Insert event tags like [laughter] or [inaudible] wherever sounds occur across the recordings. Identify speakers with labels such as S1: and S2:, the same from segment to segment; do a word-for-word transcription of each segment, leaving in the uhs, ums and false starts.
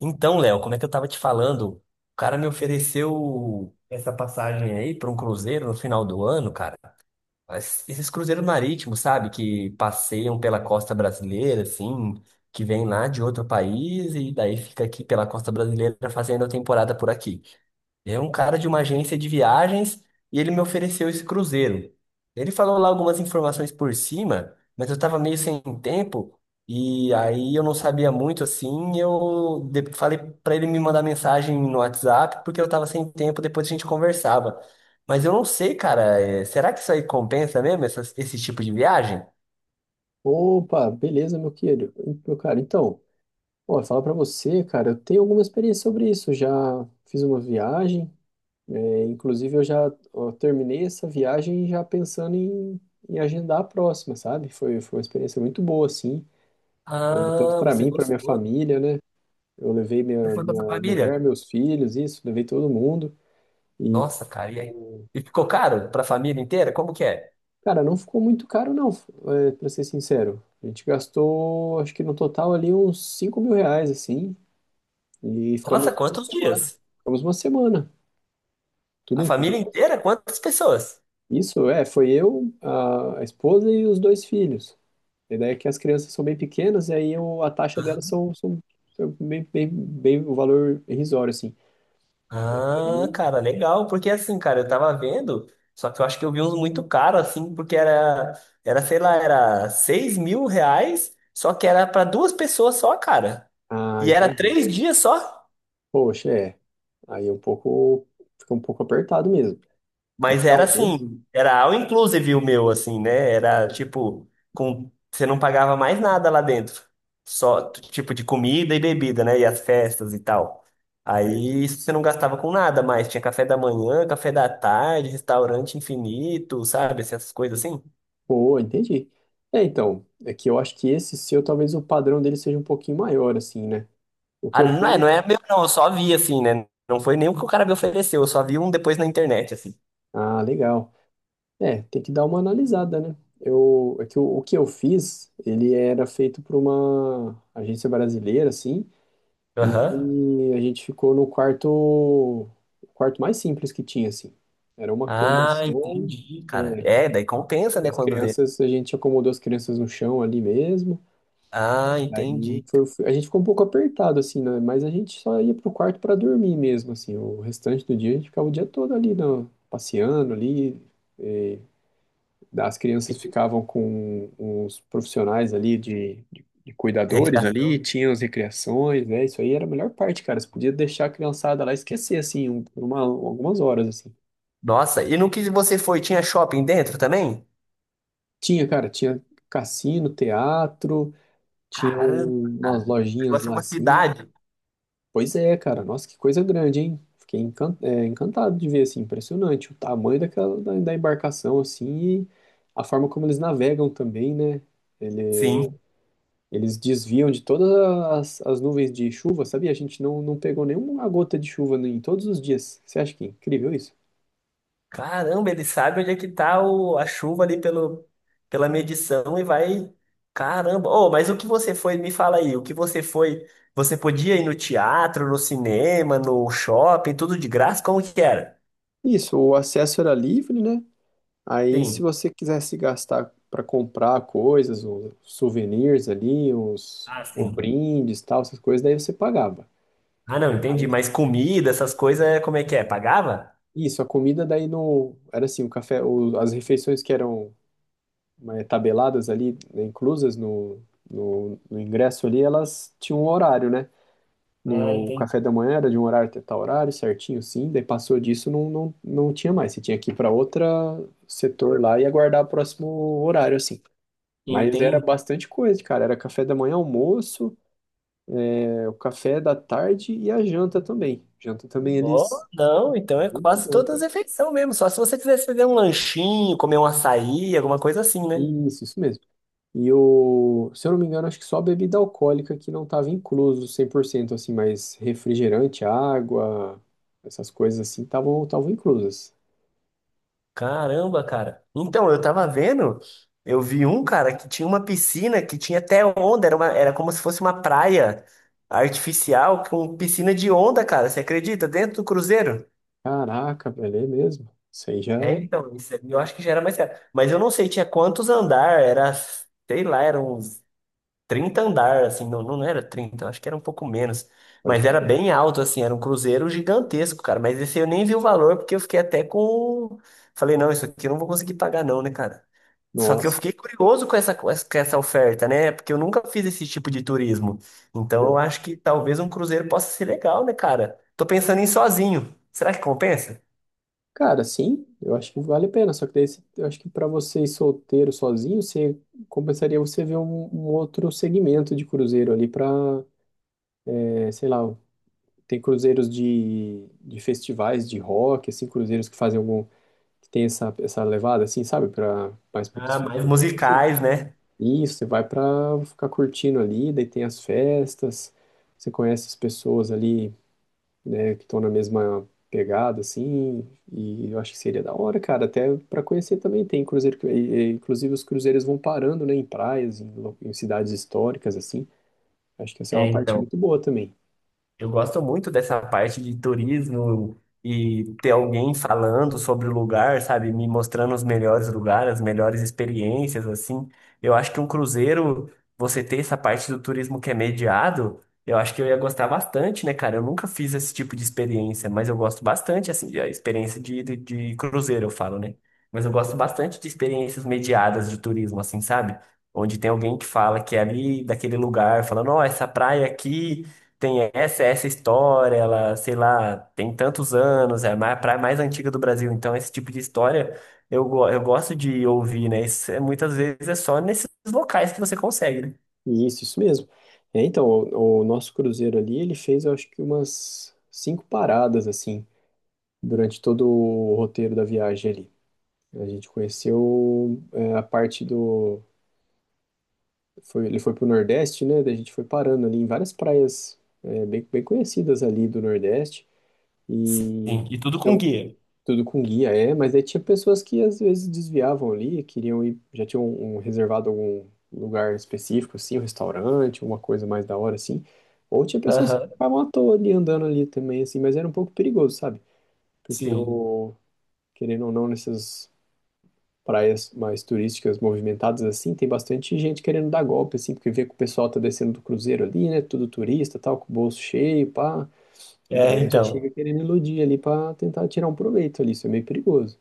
S1: Então, Léo, como é que eu tava te falando? O cara me ofereceu essa passagem aí para um cruzeiro no final do ano, cara. Mas esses cruzeiros marítimos, sabe? Que passeiam pela costa brasileira, assim, que vêm lá de outro país e daí fica aqui pela costa brasileira fazendo a temporada por aqui. É um cara de uma agência de viagens e ele me ofereceu esse cruzeiro. Ele falou lá algumas informações por cima, mas eu tava meio sem tempo e aí eu não sabia muito assim. Eu de- falei pra ele me mandar mensagem no WhatsApp porque eu tava sem tempo, depois a gente conversava. Mas eu não sei, cara. é, Será que isso aí compensa mesmo, essas- esse tipo de viagem?
S2: Opa, beleza, meu querido. Meu cara, então, ó, falar pra você, cara, eu tenho alguma experiência sobre isso. Já fiz uma viagem, é, inclusive eu já ó, terminei essa viagem já pensando em, em agendar a próxima, sabe? Foi, foi uma experiência muito boa, assim, é, tanto
S1: Ah,
S2: pra
S1: você
S2: mim, pra minha
S1: gostou.
S2: família, né? Eu levei
S1: Você
S2: minha,
S1: foi com a
S2: minha
S1: sua família?
S2: mulher, meus filhos, isso, levei todo mundo. E,
S1: Nossa, cara, e aí? E ficou caro pra família inteira? Como que é?
S2: cara, não ficou muito caro, não, é, pra ser sincero. A gente gastou, acho que no total ali uns cinco mil reais, assim. E
S1: Nossa,
S2: ficamos uma
S1: quantos
S2: semana.
S1: dias?
S2: Ficamos uma semana, tudo
S1: A família
S2: incluso.
S1: inteira? Quantas pessoas?
S2: Isso, é, foi eu, a a esposa e os dois filhos. A ideia é que as crianças são bem pequenas, e aí eu- a taxa delas são, são, são bem, bem, bem o valor irrisório, assim.
S1: Ah,
S2: Aí-
S1: cara, legal. Porque assim, cara, eu tava vendo, só que eu acho que eu vi uns muito caros, assim, porque era, era, sei lá, era seis mil reais, só que era pra duas pessoas só, cara.
S2: Ah,
S1: E era
S2: entendi.
S1: três dias só?
S2: Poxa, é. Aí é um pouco, fica um pouco apertado mesmo. É que
S1: Mas era
S2: talvez.
S1: assim, era all inclusive o meu, assim, né? Era tipo, com, você não pagava mais nada lá dentro. Só t- tipo de comida e bebida, né? E as festas e tal.
S2: Certo.
S1: Aí isso você não gastava com nada mais. Tinha café da manhã, café da tarde, restaurante infinito, sabe? Essas coisas assim.
S2: Pô, entendi. É, então, é que eu acho que esse seu, talvez o padrão dele seja um pouquinho maior, assim, né? O que
S1: Ah,
S2: eu
S1: não é,
S2: fui.
S1: não é meu, não. Eu só vi assim, né? Não foi nem o que o cara me ofereceu. Eu só vi um depois na internet, assim.
S2: Ah, legal. É, tem que dar uma analisada, né? Eu, é que o, o que eu fiz, ele era feito por uma agência brasileira, assim,
S1: Aham.
S2: e a gente ficou no quarto, o quarto mais simples que tinha, assim. Era uma cama
S1: Ah,
S2: só,
S1: entendi, cara.
S2: é,
S1: É, daí compensa,
S2: e
S1: né?
S2: as
S1: Quando vê.
S2: crianças, a gente acomodou as crianças no chão ali mesmo.
S1: Ah,
S2: Aí
S1: entendi.
S2: foi, foi- a gente ficou um pouco apertado, assim, né? Mas a gente só ia pro quarto para dormir mesmo, assim. O restante do dia a gente ficava o dia todo ali, na- passeando ali. É, As crianças ficavam com os profissionais ali de, de, de cuidadores ali,
S1: Recreação.
S2: tinham as recreações, né? Isso aí era a melhor parte, cara. Você podia deixar a criançada lá e esquecer, assim, um- por uma, algumas horas, assim.
S1: Nossa, e no que você foi, tinha shopping dentro também?
S2: Tinha, cara, tinha cassino, teatro, tinha
S1: Caramba,
S2: um- umas
S1: cara. O
S2: lojinhas
S1: negócio é
S2: lá,
S1: uma
S2: assim.
S1: cidade.
S2: Pois é, cara, nossa, que coisa grande, hein? Fiquei encan- é, encantado de ver, assim, impressionante o tamanho daquela, da, da embarcação, assim, e a forma como eles navegam também, né? Ele,
S1: Sim.
S2: Eles desviam de todas as, as nuvens de chuva, sabia? A gente não, não pegou nenhuma gota de chuva em todos os dias. Você acha que é incrível isso?
S1: Caramba, ele sabe onde é que tá o, a chuva ali pelo, pela medição e vai. Caramba. Oh, mas o que você foi, me fala aí, o que você foi? Você podia ir no teatro, no cinema, no shopping, tudo de graça? Como que era?
S2: Isso, o acesso era livre, né? Aí, se
S1: Sim.
S2: você quisesse gastar para comprar coisas, os souvenirs ali, os,
S1: Ah,
S2: os
S1: sim.
S2: brindes, tal, essas coisas, daí você pagava.
S1: Ah, não, entendi.
S2: Mas
S1: Mas comida, essas coisas, como é que é? Pagava?
S2: isso, a comida daí no era assim, o café, o- as refeições que eram, né, tabeladas ali, né, inclusas no, no, no ingresso ali, elas tinham um horário, né? Nem
S1: Ah,
S2: o café da manhã era de um horário até tal horário, certinho, sim. Daí passou disso, não, não, não tinha mais. Você tinha que ir para outro setor lá e aguardar o próximo horário, assim. Mas era
S1: entendi.
S2: bastante coisa, cara. Era café da manhã, almoço, é, o café da tarde e a janta também. Janta também
S1: Oh,
S2: eles.
S1: não, então é
S2: Muito
S1: quase
S2: bom,
S1: todas as
S2: cara.
S1: refeições mesmo. Só se você quisesse fazer um lanchinho, comer um açaí, alguma coisa assim, né?
S2: Isso, isso mesmo. E o, se eu não me engano, acho que só a bebida alcoólica que não estava incluso cem por cento assim, mas refrigerante, água, essas coisas assim, estavam estavam inclusas.
S1: Caramba, cara. Então, eu tava vendo, eu vi um cara que tinha uma piscina que tinha até onda, era uma, era como se fosse uma praia artificial com piscina de onda, cara. Você acredita? Dentro do cruzeiro?
S2: Caraca, velho, é mesmo. Isso aí já
S1: É, então, isso aí eu acho que já era mais caro. Mas eu não sei, tinha quantos andar, era, sei lá, eram trinta andar, assim, não, não era trinta, eu acho que era um pouco menos,
S2: pode
S1: mas era
S2: crer.
S1: bem alto, assim, era um cruzeiro gigantesco, cara, mas esse eu nem vi o valor, porque eu fiquei até com, falei, não, isso aqui eu não vou conseguir pagar não, né, cara? Só que eu
S2: Nossa,
S1: fiquei curioso com essa, com essa com essa oferta, né, porque eu nunca fiz esse tipo de turismo, então eu
S2: pô.
S1: acho que talvez um cruzeiro possa ser legal, né, cara? Tô pensando em ir sozinho, será que compensa?
S2: Cara, sim, eu acho que vale a pena. Só que daí, você- eu acho que para você ir solteiro, sozinho, você compensaria você ver um, um outro segmento de cruzeiro ali para, sei lá, tem cruzeiros de, de festivais de rock, assim, cruzeiros que fazem algum, que tem essa, essa levada, assim, sabe, para mais para
S1: Ah,
S2: pessoa
S1: mais
S2: solteira, assim.
S1: musicais, né?
S2: Isso, você vai para ficar curtindo ali, daí tem as festas, você conhece as pessoas ali, né, que estão na mesma pegada, assim, e eu acho que seria da hora, cara, até para conhecer também, tem cruzeiro, que- e- e, inclusive os cruzeiros vão parando, né, em praias, em, lo- em cidades históricas, assim, acho que essa é
S1: É
S2: uma parte
S1: então,
S2: muito boa também.
S1: eu gosto muito dessa parte de turismo e ter alguém falando sobre o lugar, sabe? Me mostrando os melhores lugares, as melhores experiências, assim. Eu acho que um cruzeiro, você ter essa parte do turismo que é mediado, eu acho que eu ia gostar bastante, né, cara? Eu nunca fiz esse tipo de experiência, mas eu gosto bastante, assim, da experiência de, de, de cruzeiro, eu falo, né? Mas eu gosto bastante de experiências mediadas de turismo, assim, sabe? Onde tem alguém que fala que é ali daquele lugar, falando, ó, essa praia aqui tem essa, essa história, ela, sei lá, tem tantos anos, é a praia mais antiga do Brasil, então esse tipo de história eu, go- eu gosto de ouvir, né? Isso é, muitas vezes é só nesses locais que você consegue, né?
S2: E isso, isso mesmo, é, então, o, o nosso cruzeiro ali, ele fez, eu acho que umas cinco paradas, assim, durante todo o roteiro da viagem ali, a gente conheceu, é, a parte do. Foi, ele foi pro Nordeste, né? Daí a gente foi parando ali em várias praias, é, bem, bem conhecidas ali do Nordeste.
S1: Sim,
S2: E
S1: e tudo
S2: tinha
S1: com
S2: o-
S1: guia.
S2: tudo com guia, é, mas aí tinha pessoas que às vezes desviavam ali, queriam ir, já tinham um, um reservado algum lugar específico, assim, um restaurante, uma coisa mais da hora, assim. Ou tinha pessoas que
S1: Aham,
S2: ficavam à toa ali andando ali também, assim, mas era um pouco perigoso, sabe? Porque
S1: sim.
S2: eu, querendo ou não, nessas praias mais turísticas movimentadas assim, tem bastante gente querendo dar golpe, assim, porque vê que o pessoal tá descendo do cruzeiro ali, né? Tudo turista, tal, com o bolso cheio, pá. A
S1: É,
S2: galera já
S1: então.
S2: chega querendo iludir ali pra tentar tirar um proveito ali, isso é meio perigoso.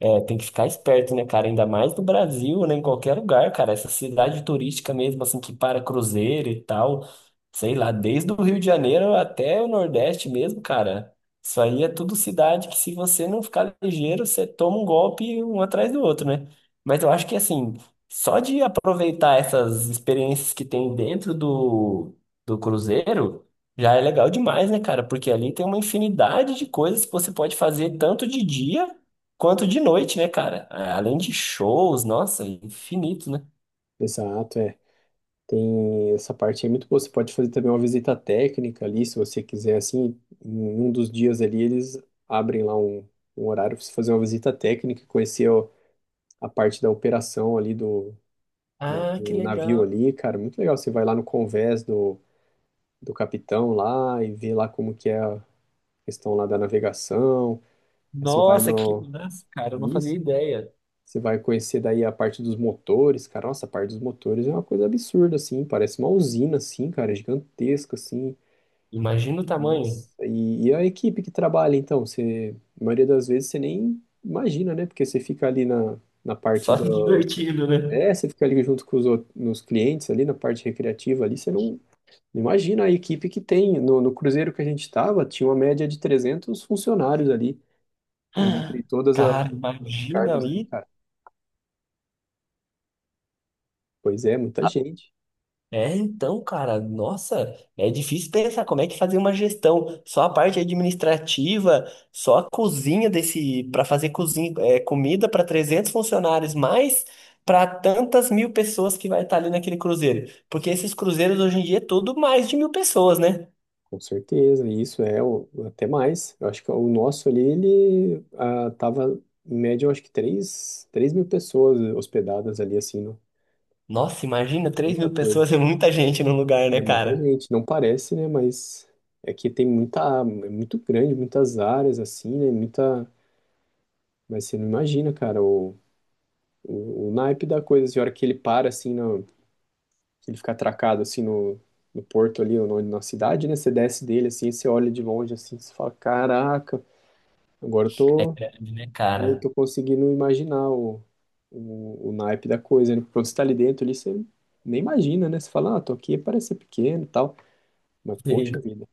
S1: É, tem que ficar esperto, né, cara? Ainda mais no Brasil, né? Em qualquer lugar, cara. Essa cidade turística mesmo, assim, que para cruzeiro e tal. Sei lá, desde o Rio de Janeiro até o Nordeste mesmo, cara. Isso aí é tudo cidade que, se você não ficar ligeiro, você toma um golpe um atrás do outro, né? Mas eu acho que, assim, só de aproveitar essas experiências que tem dentro do, do cruzeiro, já é legal demais, né, cara? Porque ali tem uma infinidade de coisas que você pode fazer tanto de dia quanto de noite, né, cara? Ah, além de shows, nossa, infinito, né?
S2: Exato, é. Tem essa parte aí é muito boa. Você pode fazer também uma visita técnica ali, se você quiser, assim, em um dos dias ali, eles abrem lá um, um horário para você fazer uma visita técnica, conhecer, ó, a parte da operação ali do, do,
S1: Ah, que
S2: do navio
S1: legal.
S2: ali, cara, muito legal. Você vai lá no convés do, do capitão lá e vê lá como que é a questão lá da navegação. Aí você vai
S1: Nossa, que
S2: no,
S1: massa, cara, eu não fazia
S2: isso,
S1: ideia.
S2: você vai conhecer daí a parte dos motores, cara. Nossa, a parte dos motores é uma coisa absurda assim, parece uma usina assim, cara, gigantesca assim.
S1: Imagina o tamanho.
S2: Nossa, e, e a equipe que trabalha então, você, a maioria das vezes você nem imagina, né? Porque você fica ali na na parte
S1: Só
S2: da,
S1: [laughs]
S2: do-
S1: divertido, né?
S2: é, você fica ali junto com os outros, nos clientes ali, na parte recreativa ali, você não. Imagina a equipe que tem. No, no cruzeiro que a gente estava, tinha uma média de trezentos funcionários ali, entre todas a-
S1: Cara,
S2: os
S1: imagina
S2: cargos ali,
S1: aí.
S2: cara. Pois é, muita gente,
S1: É, então, cara, nossa, é difícil pensar como é que fazer uma gestão, só a parte administrativa, só a cozinha desse, para fazer cozinha, é, comida para trezentos funcionários, mais para tantas mil pessoas que vai estar ali naquele cruzeiro, porque esses cruzeiros hoje em dia é tudo mais de mil pessoas, né?
S2: com certeza. E isso é o- até mais. Eu acho que o nosso ali, ele, ah, tava, em média, eu acho que três, três mil pessoas hospedadas ali, assim, não?
S1: Nossa, imagina, três
S2: Muita
S1: mil
S2: coisa.
S1: pessoas é muita gente num lugar, né,
S2: É muita
S1: cara?
S2: gente. Não parece, né? Mas é que tem muita. É muito grande, muitas áreas, assim, né? Muita. Mas você não imagina, cara, O, o naipe da coisa, assim, a hora que ele para, assim, no, que ele fica atracado, assim, no, no porto ali, ou no- na cidade, né? Você desce dele, assim, você olha de longe, assim, você fala, caraca, agora eu
S1: É
S2: tô,
S1: grande, né,
S2: eu
S1: cara?
S2: tô conseguindo imaginar o, o, o naipe da coisa, né? Porque quando você tá ali dentro, ali, você nem imagina, né? Você fala, ah, tô aqui, parece ser pequeno e tal, mas poxa
S1: [laughs]
S2: vida.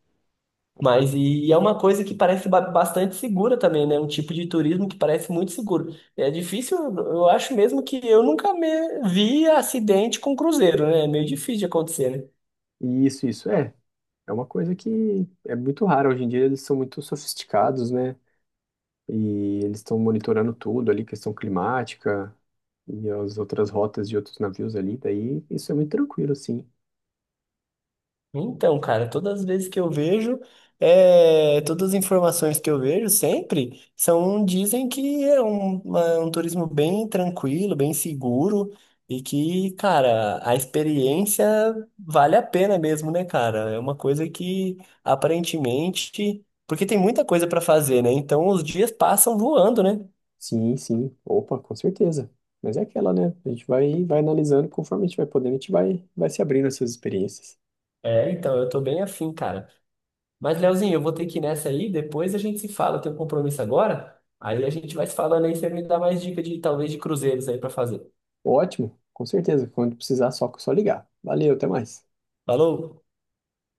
S2: a coisa-
S1: Mas e é uma coisa que parece ba- bastante segura também, né? Um tipo de turismo que parece muito seguro. É difícil, eu acho mesmo que eu nunca me vi acidente com cruzeiro, né? É meio difícil de acontecer, né?
S2: Isso, isso, é. É uma coisa que é muito rara. Hoje em dia eles são muito sofisticados, né? E eles estão monitorando tudo ali, questão climática e as outras rotas de outros navios ali. Daí isso é muito tranquilo, assim.
S1: Então, cara, todas as vezes que eu vejo, é, todas as informações que eu vejo sempre são, dizem que é um, uma- um turismo bem tranquilo, bem seguro e que, cara, a experiência vale a pena mesmo, né, cara? É uma coisa que aparentemente, porque tem muita coisa pra fazer, né? Então os dias passam voando, né?
S2: Sim, sim. Opa, com certeza. Mas é aquela, né? A gente vai, vai analisando conforme a gente vai podendo, a gente vai, vai se abrindo essas experiências.
S1: É, então eu tô bem afim, cara. Mas, Leozinho, eu vou ter que ir nessa aí, depois a gente se fala, eu tenho um compromisso agora. Aí a gente vai se falando aí, você me dá mais dica de talvez de cruzeiros aí pra fazer.
S2: Ótimo, com certeza. Quando precisar, só, só ligar. Valeu, até mais.
S1: Falou!